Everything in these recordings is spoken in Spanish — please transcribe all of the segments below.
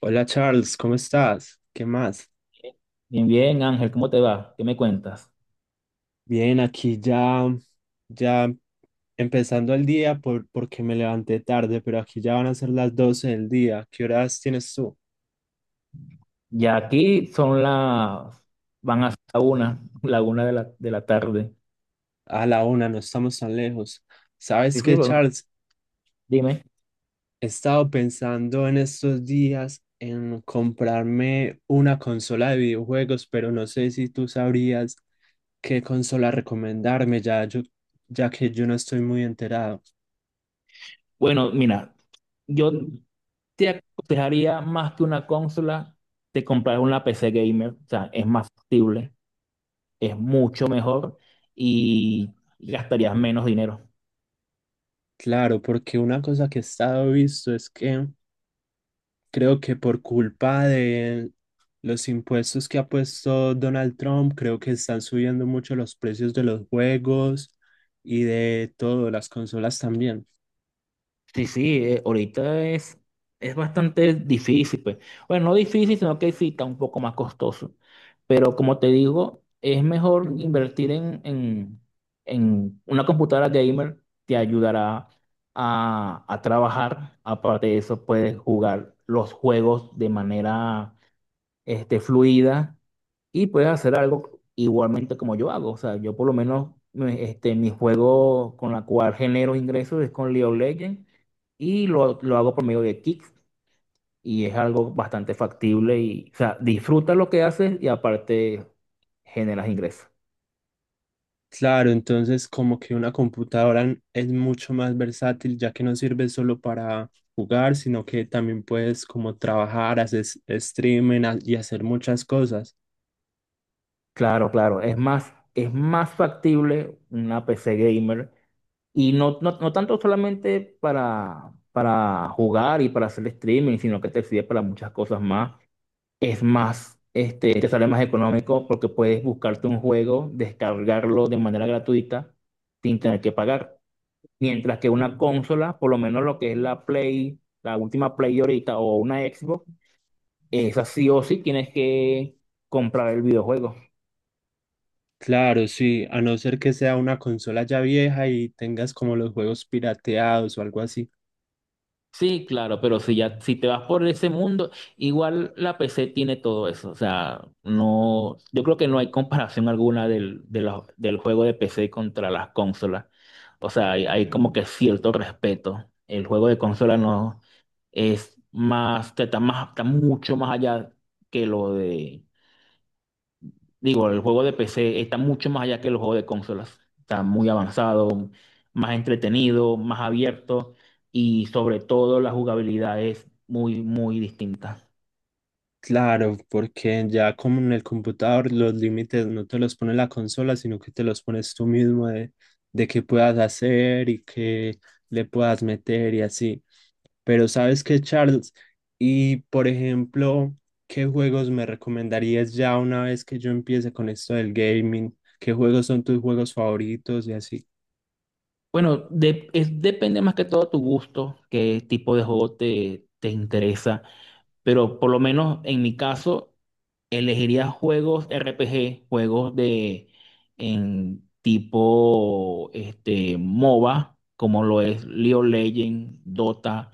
Hola Charles, ¿cómo estás? ¿Qué más? Bien, bien, Ángel, ¿cómo te va? ¿Qué me cuentas? Bien, aquí ya, ya empezando el día porque me levanté tarde, pero aquí ya van a ser las 12 del día. ¿Qué horas tienes tú? Ya aquí van a ser la una, la una de la tarde. A la 1, no estamos tan lejos. Sí, ¿Sabes sí, qué, bueno, Charles? dime. He estado pensando en estos días en comprarme una consola de videojuegos, pero no sé si tú sabrías qué consola recomendarme, ya que yo no estoy muy enterado. Bueno, mira, yo te aconsejaría más que una consola, te comprar una PC gamer, o sea, es más factible, es mucho mejor y gastarías menos dinero. Claro, porque una cosa que he estado visto es que creo que por culpa de los impuestos que ha puesto Donald Trump, creo que están subiendo mucho los precios de los juegos y de todo, las consolas también. Sí, sí, ahorita es bastante difícil, pues. Bueno, no difícil, sino que sí está un poco más costoso. Pero como te digo, es mejor invertir en una computadora gamer, te ayudará a trabajar. Aparte de eso, puedes jugar los juegos de manera fluida y puedes hacer algo igualmente como yo hago. O sea, yo por lo menos mi juego con la cual genero ingresos es con League of Legends y lo hago por medio de Kicks, y es algo bastante factible y, o sea, disfruta lo que haces y aparte generas ingresos. Claro, entonces como que una computadora es mucho más versátil, ya que no sirve solo para jugar, sino que también puedes como trabajar, hacer streaming y hacer muchas cosas. Claro, claro, es más factible una P C gamer, y no tanto solamente para jugar y para hacer streaming, sino que te sirve para muchas cosas más. Es más, te sale más económico porque puedes buscarte un juego, descargarlo de manera gratuita sin tener que pagar. Mientras que una consola, por lo menos lo que es la Play, la última Play ahorita, o una Xbox, esa sí o sí tienes que comprar el videojuego. Claro, sí, a no ser que sea una consola ya vieja y tengas como los juegos pirateados o algo así. Sí, claro, pero si te vas por ese mundo, igual la PC tiene todo eso. O sea, no, yo creo que no hay comparación alguna del juego de PC contra las consolas. O sea, hay como que cierto respeto. El juego de consola no es más, está mucho más allá que lo de. Digo, el juego de PC está mucho más allá que los juegos de consolas. Está muy avanzado, más entretenido, más abierto, y sobre todo la jugabilidad es muy, muy distinta. Claro, porque ya como en el computador los límites no te los pone la consola, sino que te los pones tú mismo de qué puedas hacer y qué le puedas meter y así. Pero ¿sabes qué, Charles? Y por ejemplo, ¿qué juegos me recomendarías ya una vez que yo empiece con esto del gaming? ¿Qué juegos son tus juegos favoritos y así? Bueno, depende más que todo tu gusto, qué tipo de juego te interesa. Pero por lo menos en mi caso, elegiría juegos RPG, juegos de en tipo MOBA, como lo es League of Legends, Dota,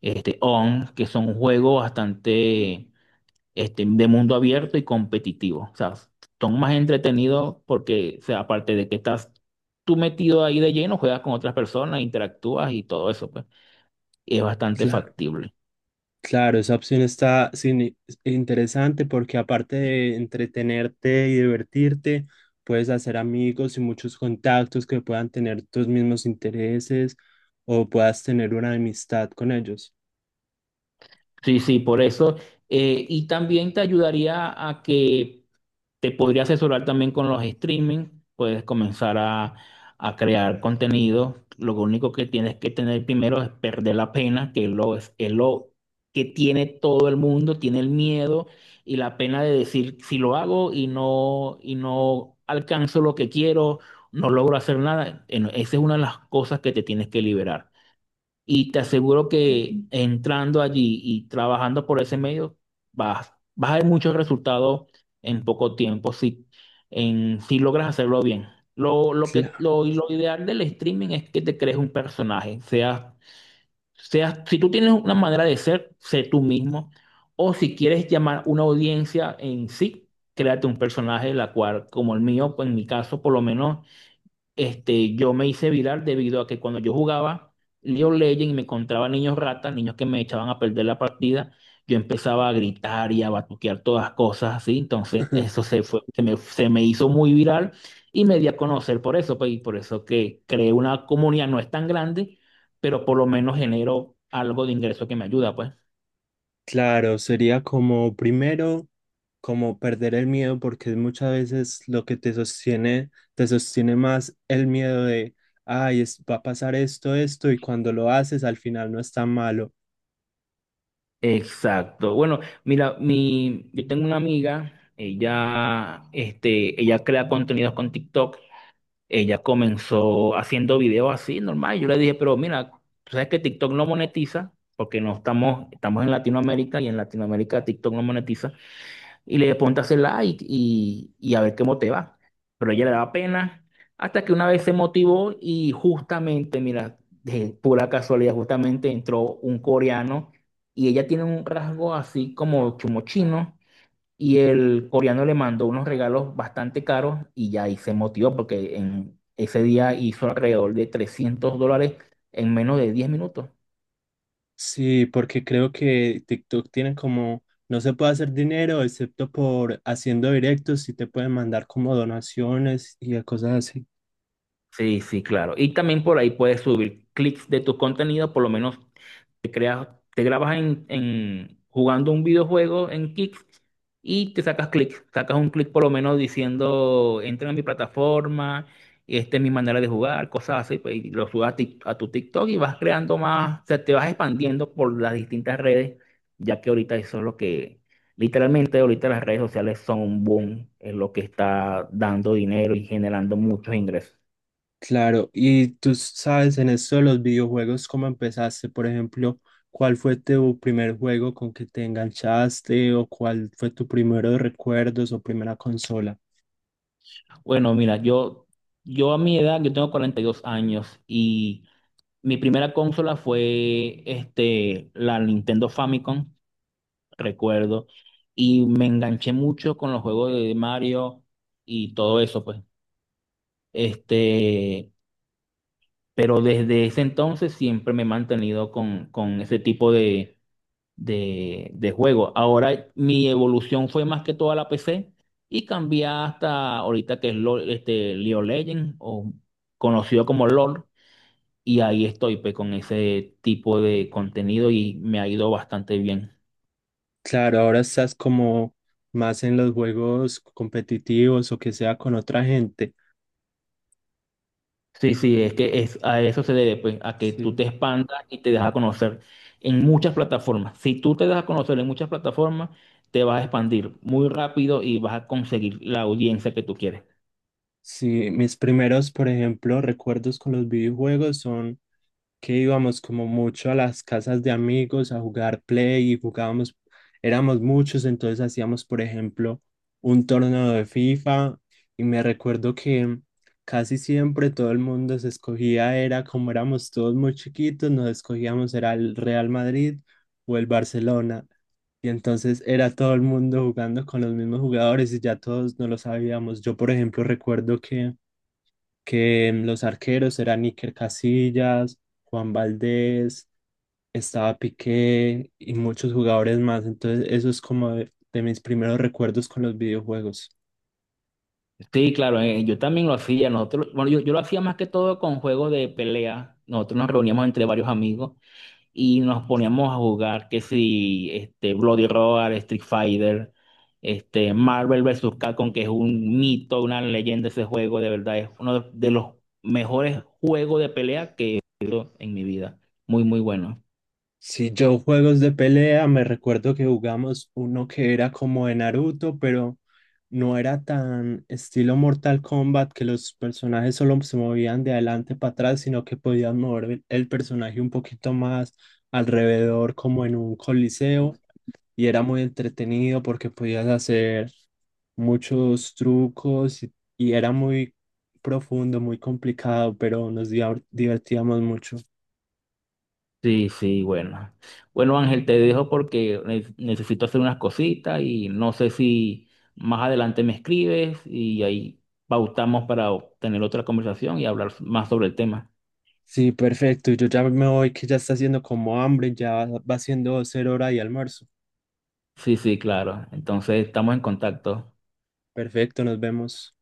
ON, que son juegos bastante de mundo abierto y competitivo. O sea, son más entretenidos porque, o sea, aparte de que estás tú metido ahí de lleno, juegas con otras personas, interactúas y todo eso, pues, y es bastante Claro. factible. Claro, esa opción está interesante porque aparte de entretenerte y divertirte, puedes hacer amigos y muchos contactos que puedan tener tus mismos intereses o puedas tener una amistad con ellos. Sí, sí, por eso. Y también te ayudaría a que te podría asesorar también con los streaming. Puedes comenzar a crear contenido. Lo único que tienes que tener primero es perder la pena, es lo que tiene todo el mundo, tiene el miedo y la pena de decir si lo hago y no alcanzo lo que quiero, no logro hacer nada. No, esa es una de las cosas que te tienes que liberar. Y te aseguro que entrando allí y trabajando por ese medio, vas a ver muchos resultados en poco tiempo, si logras hacerlo bien. Lo, lo que, Cla- lo, lo ideal del streaming es que te crees un personaje, seas, si tú tienes una manera de ser, sé tú mismo, o si quieres llamar una audiencia en sí, créate un personaje, la cual, como el mío, pues en mi caso, por lo menos yo me hice viral debido a que cuando yo jugaba League of Legends y me encontraba niños ratas, niños que me echaban a perder la partida, yo empezaba a gritar y a batuquear todas cosas así, entonces eso se fue, se me hizo muy viral, y me di a conocer por eso, pues, y por eso que creé una comunidad, no es tan grande, pero por lo menos genero algo de ingreso que me ayuda, pues. Claro, sería como primero, como perder el miedo porque muchas veces lo que te sostiene más el miedo de, ay, va a pasar esto, esto y cuando lo haces al final no es tan malo. Exacto. Bueno, mira, yo tengo una amiga, ella crea contenidos con TikTok. Ella comenzó haciendo videos así, normal. Yo le dije, pero mira, tú sabes que TikTok no monetiza, porque no estamos, estamos en Latinoamérica, y en Latinoamérica TikTok no monetiza. Y le dije, ponte a hacer like, y a ver cómo te va. Pero a ella le daba pena, hasta que una vez se motivó y justamente, mira, de pura casualidad, justamente entró un coreano, y ella tiene un rasgo así como chumo chino. Y el coreano le mandó unos regalos bastante caros, y ya ahí se motivó porque en ese día hizo alrededor de $300 en menos de 10 minutos. Sí, porque creo que TikTok tiene como, no se puede hacer dinero excepto por haciendo directos y te pueden mandar como donaciones y cosas así. Sí, sí, claro. Y también por ahí puedes subir clics de tu contenido. Por lo menos te creas, te grabas jugando un videojuego en Kick, y te sacas clic, sacas un clic por lo menos diciendo, entra a mi plataforma, esta es mi manera de jugar, cosas así, pues, y lo subas a tu TikTok, y vas creando más, o sea, te vas expandiendo por las distintas redes, ya que ahorita eso es lo que, literalmente ahorita las redes sociales son un boom, es lo que está dando dinero y generando muchos ingresos. Claro, y tú sabes en esto de los videojuegos, ¿cómo empezaste? Por ejemplo, ¿cuál fue tu primer juego con que te enganchaste o cuál fue tu primero recuerdos o primera consola? Bueno, mira, yo a mi edad, yo tengo 42 años, y... Mi primera consola fue la Nintendo Famicom, recuerdo, y me enganché mucho con los juegos de Mario y todo eso, pues. Este, pero desde ese entonces siempre me he mantenido con ese tipo de juego. Ahora mi evolución fue más que toda la PC, y cambié hasta ahorita que es LOL, League of Legends, o conocido como LOL. Y ahí estoy pues, con ese tipo de contenido, y me ha ido bastante bien. Claro, ahora estás como más en los juegos competitivos o que sea con otra gente. Sí, sí, es que es, a eso se debe, pues, a que tú Sí. te expandas y te dejas a conocer en muchas plataformas. Si tú te das a conocer en muchas plataformas, te vas a expandir muy rápido y vas a conseguir la audiencia que tú quieres. Sí, mis primeros, por ejemplo, recuerdos con los videojuegos son que íbamos como mucho a las casas de amigos a jugar play y jugábamos, éramos muchos, entonces hacíamos, por ejemplo, un torneo de FIFA y me recuerdo que casi siempre todo el mundo se escogía, era como éramos todos muy chiquitos, nos escogíamos, era el Real Madrid o el Barcelona. Y entonces era todo el mundo jugando con los mismos jugadores y ya todos no lo sabíamos. Yo, por ejemplo, recuerdo que los arqueros eran Iker Casillas, Juan Valdés, estaba Piqué y muchos jugadores más. Entonces, eso es como de mis primeros recuerdos con los videojuegos. Sí, claro, yo también lo hacía. Nosotros, bueno, yo lo hacía más que todo con juegos de pelea. Nosotros nos reuníamos entre varios amigos y nos poníamos a jugar que si este Bloody Roar, Street Fighter, este Marvel vs. Capcom, que es un mito, una leyenda ese juego. De verdad es uno de los mejores juegos de pelea que en mi vida. Muy, muy bueno. Si yo juegos de pelea, me recuerdo que jugamos uno que era como de Naruto, pero no era tan estilo Mortal Kombat que los personajes solo se movían de adelante para atrás, sino que podían mover el personaje un poquito más alrededor, como en un coliseo. Y era muy entretenido porque podías hacer muchos trucos y era muy profundo, muy complicado, pero nos divertíamos mucho. Sí, sí, bueno. Bueno, Ángel, te dejo porque necesito hacer unas cositas, y no sé si más adelante me escribes y ahí pautamos para tener otra conversación y hablar más sobre el tema. Sí, perfecto. Yo ya me voy, que ya está haciendo como hambre, ya va siendo ser hora de almuerzo. Sí, sí, claro. Entonces estamos en contacto. Perfecto, nos vemos.